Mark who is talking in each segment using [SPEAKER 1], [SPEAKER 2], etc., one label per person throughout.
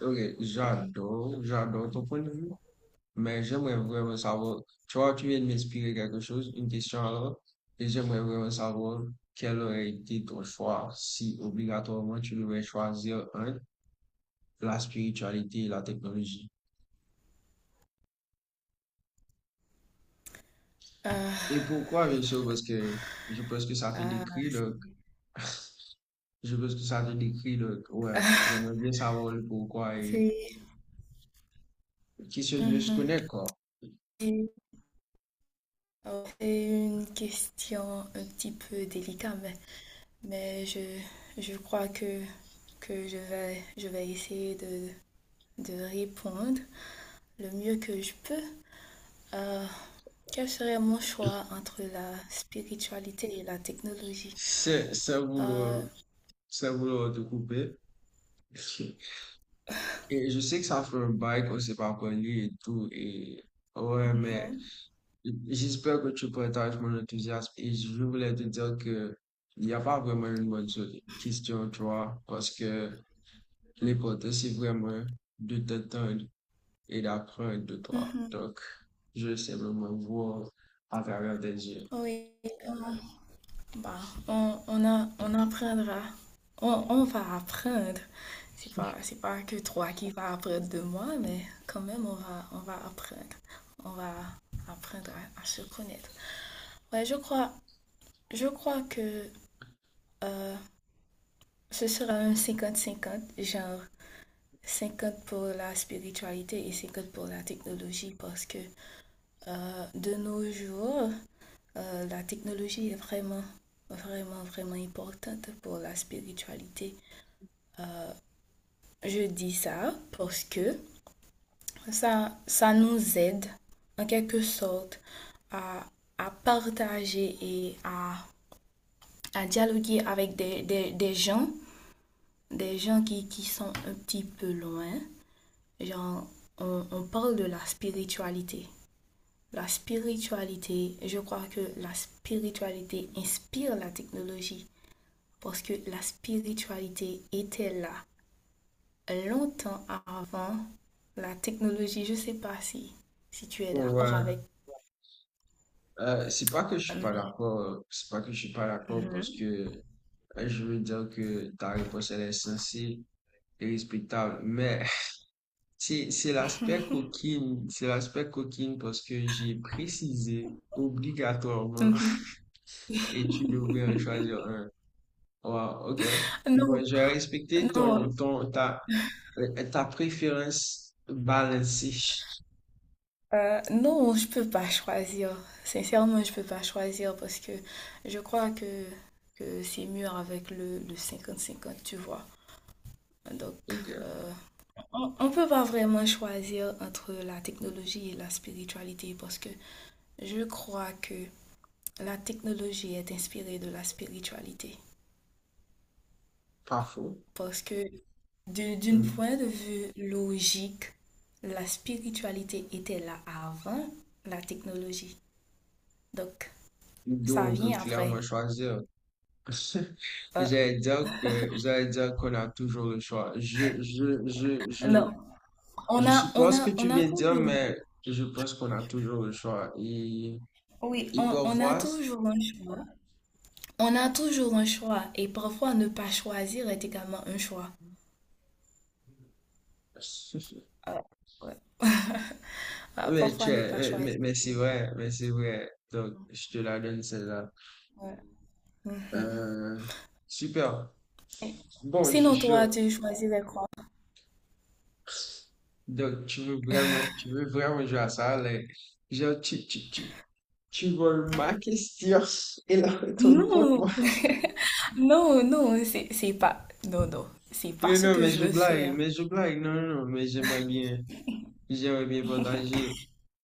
[SPEAKER 1] Ok, j'adore ton point de vue, mais j'aimerais vraiment savoir, tu vois, tu viens de m'inspirer quelque chose, une question alors, et j'aimerais vraiment savoir quel aurait été ton choix si obligatoirement tu devais choisir un, la spiritualité et la technologie.
[SPEAKER 2] Ah,
[SPEAKER 1] Et pourquoi, bien sûr, parce que je pense que ça te
[SPEAKER 2] ah.
[SPEAKER 1] décrit, donc, je pense que ça te décrit, donc, ouais, j'aimerais bien savoir le pourquoi et
[SPEAKER 2] c'est
[SPEAKER 1] qui se mieux se
[SPEAKER 2] Mhm.
[SPEAKER 1] connaît, quoi.
[SPEAKER 2] C'est Oh, c'est une question un petit peu délicate, mais je, je crois que je vais essayer de répondre le mieux que je peux. Euh, Quel serait mon choix entre la spiritualité et la technologie?
[SPEAKER 1] C'est, c'est vouloir,
[SPEAKER 2] Euh,
[SPEAKER 1] c'est vouloir te couper. Et je sais que ça fait un bail qu'on s'est pas parlé et tout. Et ouais, mais j'espère que tu partages mon enthousiasme. Et je voulais te dire que il n'y a pas vraiment une bonne question, tu vois, parce que l'important, c'est vraiment de t'entendre et d'apprendre de toi.
[SPEAKER 2] mhm.
[SPEAKER 1] Donc, je vais simplement voir à travers tes yeux.
[SPEAKER 2] Oui. euh, Bah, on apprendra. On va apprendre. C'est pas que toi qui vas apprendre de moi, mais quand même, on va apprendre. On va apprendre à se connaître. Ouais, je crois que euh, ce sera un 50-50 genre 50 pour la spiritualité et 50 pour la technologie, parce que de nos jours, la technologie est vraiment, vraiment, vraiment importante pour la spiritualité. Je dis ça parce que ça nous aide en quelque sorte à, à partager et à dialoguer avec des gens qui sont un petit peu loin. Genre, on parle de la spiritualité. La spiritualité, je crois que la spiritualité inspire la technologie parce que la spiritualité était là longtemps avant la technologie. Je ne sais pas si tu es
[SPEAKER 1] Bon,
[SPEAKER 2] d'accord
[SPEAKER 1] ouais,
[SPEAKER 2] avec.
[SPEAKER 1] c'est pas que je suis pas
[SPEAKER 2] mais-
[SPEAKER 1] d'accord, c'est pas que je suis pas d'accord parce que je veux dire que ta réponse, elle est sensée et respectable. Mais c'est l'aspect coquine, c'est l'aspect coquine parce que j'ai précisé obligatoirement,
[SPEAKER 2] Mhm.
[SPEAKER 1] et tu devrais en choisir un. Wow, ok.
[SPEAKER 2] Non,
[SPEAKER 1] Bon, je vais respecter
[SPEAKER 2] non,
[SPEAKER 1] ta préférence balancée.
[SPEAKER 2] non, je peux pas choisir. Sincèrement, je peux pas choisir parce que je crois que c'est mieux avec le 50-50 tu vois. Donc,
[SPEAKER 1] Ok,
[SPEAKER 2] euh, on peut pas vraiment choisir entre la technologie et la spiritualité parce que je crois que la technologie est inspirée de la spiritualité.
[SPEAKER 1] pas faux.
[SPEAKER 2] Parce que d'un
[SPEAKER 1] Hmm.
[SPEAKER 2] point de vue logique, la spiritualité était là avant la technologie. Donc, ça
[SPEAKER 1] Donc, on peut
[SPEAKER 2] vient après.
[SPEAKER 1] clairement choisir.
[SPEAKER 2] Euh,
[SPEAKER 1] J'allais dire qu'on a toujours le choix.
[SPEAKER 2] non,
[SPEAKER 1] Je suppose que tu
[SPEAKER 2] on a
[SPEAKER 1] viens de dire,
[SPEAKER 2] toujours,
[SPEAKER 1] mais je pense qu'on a toujours le choix.
[SPEAKER 2] oui,
[SPEAKER 1] Et
[SPEAKER 2] on a
[SPEAKER 1] parfois,
[SPEAKER 2] toujours un choix. On a toujours un choix et parfois ne pas choisir est également un choix. Euh, ouais. Ah, parfois ne pas choisir.
[SPEAKER 1] mais c'est vrai, mais c'est vrai. Donc, je te la donne celle-là.
[SPEAKER 2] Ouais.
[SPEAKER 1] Euh, super.
[SPEAKER 2] Et
[SPEAKER 1] Bon, je suis
[SPEAKER 2] Sinon, toi,
[SPEAKER 1] sûr.
[SPEAKER 2] tu choisirais quoi?
[SPEAKER 1] Donc, tu veux vraiment jouer à ça, là. Genre, tu voles ma question et la retourne contre moi.
[SPEAKER 2] Non, non, non, c'est pas, non, non, c'est pas
[SPEAKER 1] Non,
[SPEAKER 2] ce
[SPEAKER 1] non,
[SPEAKER 2] que
[SPEAKER 1] mais
[SPEAKER 2] je
[SPEAKER 1] je
[SPEAKER 2] veux
[SPEAKER 1] blague,
[SPEAKER 2] faire.
[SPEAKER 1] mais je blague. Non, non, non, mais j'aimerais bien partager.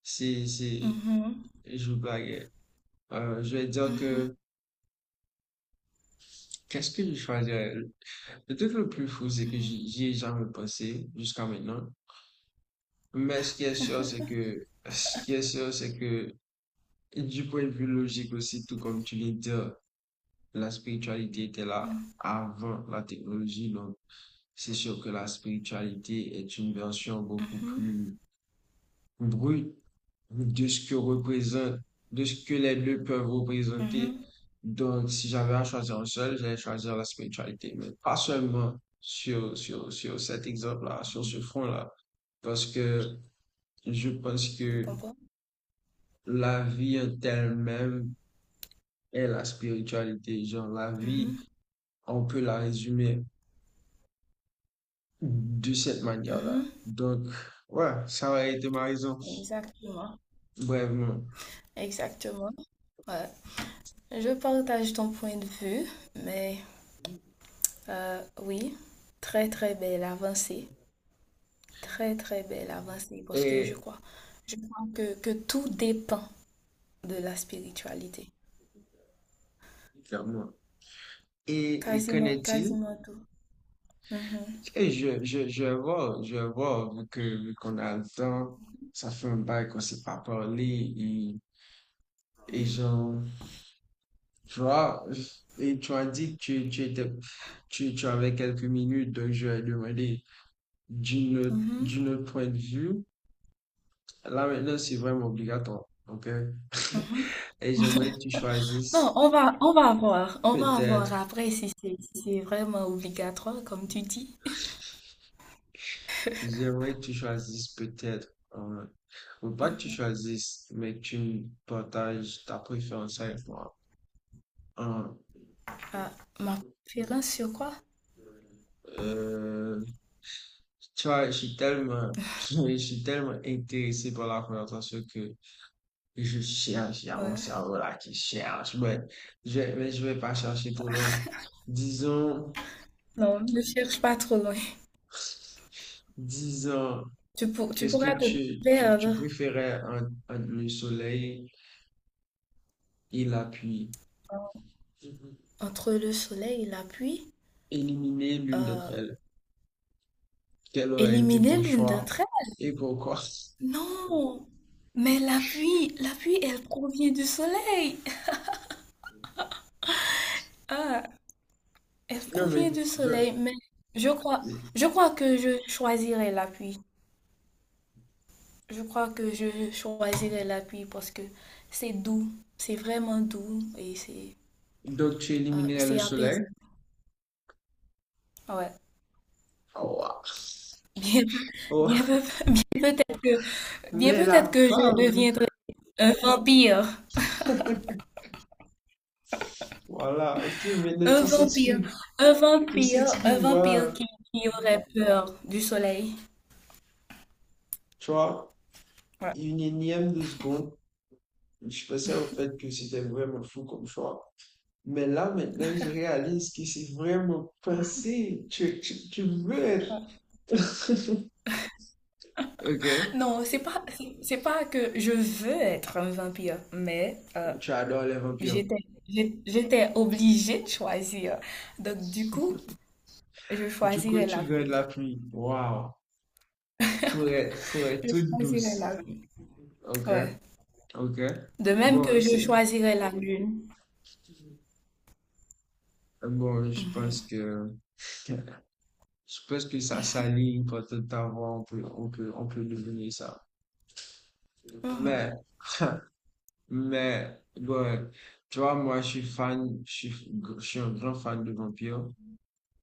[SPEAKER 1] C'est, c'est,
[SPEAKER 2] Mhm,
[SPEAKER 1] Je blaguais. Je vais dire que qu'est-ce que je choisirais? Le truc le plus fou, c'est que j'y ai jamais pensé jusqu'à maintenant. Mais ce qui est sûr, c'est que du point de vue logique aussi, tout comme tu l'as dit, la spiritualité était là
[SPEAKER 2] mhm,
[SPEAKER 1] avant la technologie. Donc, c'est sûr que la spiritualité est une version beaucoup
[SPEAKER 2] mhm,
[SPEAKER 1] plus brute de ce que représente, de ce que les deux peuvent représenter.
[SPEAKER 2] mhm.
[SPEAKER 1] Donc, si j'avais à choisir un seul, j'allais choisir la spiritualité, mais pas seulement sur cet exemple-là, sur ce front-là, parce que je pense
[SPEAKER 2] Je
[SPEAKER 1] que
[SPEAKER 2] comprends.
[SPEAKER 1] la vie en elle-même est la spiritualité. Genre, la vie,
[SPEAKER 2] Mhm,
[SPEAKER 1] on peut la résumer de cette manière-là.
[SPEAKER 2] mhm.
[SPEAKER 1] Donc, ouais, ça aurait été ma raison,
[SPEAKER 2] Exactement,
[SPEAKER 1] brèvement.
[SPEAKER 2] exactement. Ouais. Je partage ton point de vue, mais oui, très très belle avancée, très très belle avancée, parce que je
[SPEAKER 1] Et,
[SPEAKER 2] crois, je crois que tout dépend de la spiritualité.
[SPEAKER 1] clairement. Et qu'en
[SPEAKER 2] Quasiment,
[SPEAKER 1] est-il?
[SPEAKER 2] quasiment tout. Mhm,
[SPEAKER 1] Et je vois, vu qu'on a le temps, ça fait un bail qu'on s'est pas parlé, et genre, tu vois, et tu as dit que tu étais, tu avais quelques minutes, donc je vais demander
[SPEAKER 2] mhm,
[SPEAKER 1] d'une autre point de vue. Là, maintenant, c'est vraiment obligatoire, ok?
[SPEAKER 2] mhm.
[SPEAKER 1] Et j'aimerais que tu
[SPEAKER 2] Non,
[SPEAKER 1] choisisses
[SPEAKER 2] on va voir. On va voir
[SPEAKER 1] peut-être.
[SPEAKER 2] après si c'est vraiment obligatoire, comme tu dis.
[SPEAKER 1] J'aimerais que tu choisisses peut-être, euh, ou pas que tu
[SPEAKER 2] Hum,
[SPEAKER 1] choisisses, mais que tu partages ta préférence avec moi. Un,
[SPEAKER 2] ah, ma préférence sur quoi?
[SPEAKER 1] euh, tu vois, je suis tellement, je suis tellement intéressé par la conversation que je cherche, il y a mon
[SPEAKER 2] Ouais.
[SPEAKER 1] cerveau là qui cherche, mais mais je vais pas chercher trop loin. Disons,
[SPEAKER 2] Non, ne cherche pas trop loin.
[SPEAKER 1] disons,
[SPEAKER 2] Tu
[SPEAKER 1] qu'est-ce que
[SPEAKER 2] pourras te
[SPEAKER 1] tu
[SPEAKER 2] perdre
[SPEAKER 1] préférais entre, entre le soleil il a pu
[SPEAKER 2] entre le soleil et la pluie.
[SPEAKER 1] éliminer l'une
[SPEAKER 2] Euh,
[SPEAKER 1] d'entre elles. Quel a été
[SPEAKER 2] Éliminer
[SPEAKER 1] ton
[SPEAKER 2] l'une
[SPEAKER 1] choix
[SPEAKER 2] d'entre elles?
[SPEAKER 1] et pourquoi?
[SPEAKER 2] Non! Mais la pluie, elle provient du soleil. Ah, elle
[SPEAKER 1] Non, mais
[SPEAKER 2] provient du
[SPEAKER 1] de-
[SPEAKER 2] soleil, mais je crois, je crois que je choisirais la pluie. Je crois que je choisirais l'appui parce que c'est doux, c'est vraiment doux et
[SPEAKER 1] donc tu éliminais le
[SPEAKER 2] c'est
[SPEAKER 1] soleil.
[SPEAKER 2] apaisant. Ouais.
[SPEAKER 1] Oh, wa-
[SPEAKER 2] Bien, peu- bien,
[SPEAKER 1] oh,
[SPEAKER 2] peu- bien peut-être que, bien
[SPEAKER 1] mais la
[SPEAKER 2] peut-être que je
[SPEAKER 1] femme,
[SPEAKER 2] deviendrai un vampire,
[SPEAKER 1] voilà, ok, maintenant
[SPEAKER 2] un vampire, un
[SPEAKER 1] tu
[SPEAKER 2] vampire, un
[SPEAKER 1] s'expliques,
[SPEAKER 2] vampire
[SPEAKER 1] voilà.
[SPEAKER 2] qui aurait peur du soleil.
[SPEAKER 1] Tu vois,
[SPEAKER 2] Ouais.
[SPEAKER 1] une énième de seconde, je pensais au fait que c'était vraiment fou comme choix. Mais là, maintenant, je réalise que c'est vraiment pensé. Tu veux être.
[SPEAKER 2] Ouais.
[SPEAKER 1] Ok.
[SPEAKER 2] Non, c'est pas que je veux être un vampire, mais
[SPEAKER 1] Tu adores les vampires.
[SPEAKER 2] j'étais, j'étais obligée de choisir. Donc du coup. Je
[SPEAKER 1] Du coup,
[SPEAKER 2] choisirais
[SPEAKER 1] tu
[SPEAKER 2] la
[SPEAKER 1] gagnes
[SPEAKER 2] pluie.
[SPEAKER 1] la pluie. Waouh. Pour être
[SPEAKER 2] Je
[SPEAKER 1] toute
[SPEAKER 2] choisirais la
[SPEAKER 1] douce.
[SPEAKER 2] pluie.
[SPEAKER 1] Ok,
[SPEAKER 2] Ouais.
[SPEAKER 1] ok.
[SPEAKER 2] De même
[SPEAKER 1] Bon,
[SPEAKER 2] que je
[SPEAKER 1] c'est,
[SPEAKER 2] choisirais la lune.
[SPEAKER 1] bon, je pense que ça s'aligne pour tout avoir, on peut deviner ça.
[SPEAKER 2] Mhm.
[SPEAKER 1] Mais, mais, bon, tu vois, moi, je suis fan, je suis un grand fan de vampires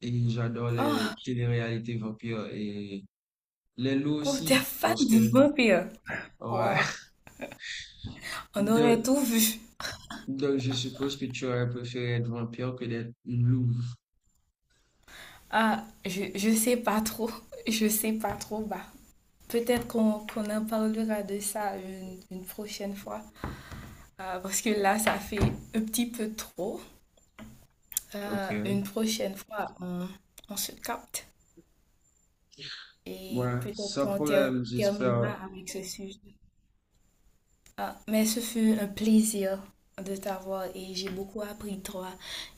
[SPEAKER 1] et j'adore les
[SPEAKER 2] Oh,
[SPEAKER 1] téléréalités vampires et les loups
[SPEAKER 2] oh, t'es
[SPEAKER 1] aussi
[SPEAKER 2] fan
[SPEAKER 1] parce
[SPEAKER 2] du
[SPEAKER 1] que,
[SPEAKER 2] vampire.
[SPEAKER 1] ouais.
[SPEAKER 2] Waouh. On aurait
[SPEAKER 1] De,
[SPEAKER 2] tout vu.
[SPEAKER 1] Donc, je suppose que tu aurais préféré être vampire que d'être loup.
[SPEAKER 2] Ah, je sais pas trop. Je sais pas trop. Bah, peut-être qu'on en parlera de ça une prochaine fois. Parce que là, ça fait un petit peu trop.
[SPEAKER 1] Ok.
[SPEAKER 2] Une prochaine fois, on se capte. Et
[SPEAKER 1] Ouais,
[SPEAKER 2] peut-être
[SPEAKER 1] sans
[SPEAKER 2] qu'on
[SPEAKER 1] problème,
[SPEAKER 2] terminera
[SPEAKER 1] j'espère.
[SPEAKER 2] avec ce sujet. Ah, mais ce fut un plaisir de t'avoir et j'ai beaucoup appris de toi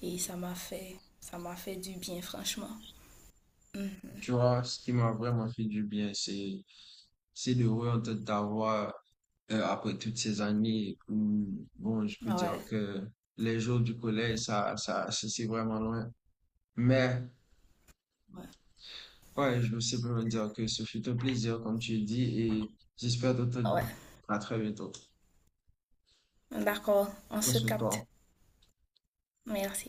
[SPEAKER 2] et ça m'a fait du bien franchement. Mhm.
[SPEAKER 1] Tu vois, ce qui m'a vraiment fait du bien, c'est de réentendre ta voix après toutes ces années, où, bon, je peux
[SPEAKER 2] Ouais,
[SPEAKER 1] dire que les jours du collège, ça, c'est vraiment loin. Mais,
[SPEAKER 2] ouais,
[SPEAKER 1] ouais, je veux simplement dire que ce fut un plaisir, comme tu dis, et j'espère t'entendre
[SPEAKER 2] ouais.
[SPEAKER 1] à très bientôt.
[SPEAKER 2] D'accord, on
[SPEAKER 1] Prends
[SPEAKER 2] se
[SPEAKER 1] soin de
[SPEAKER 2] capte.
[SPEAKER 1] toi.
[SPEAKER 2] Merci.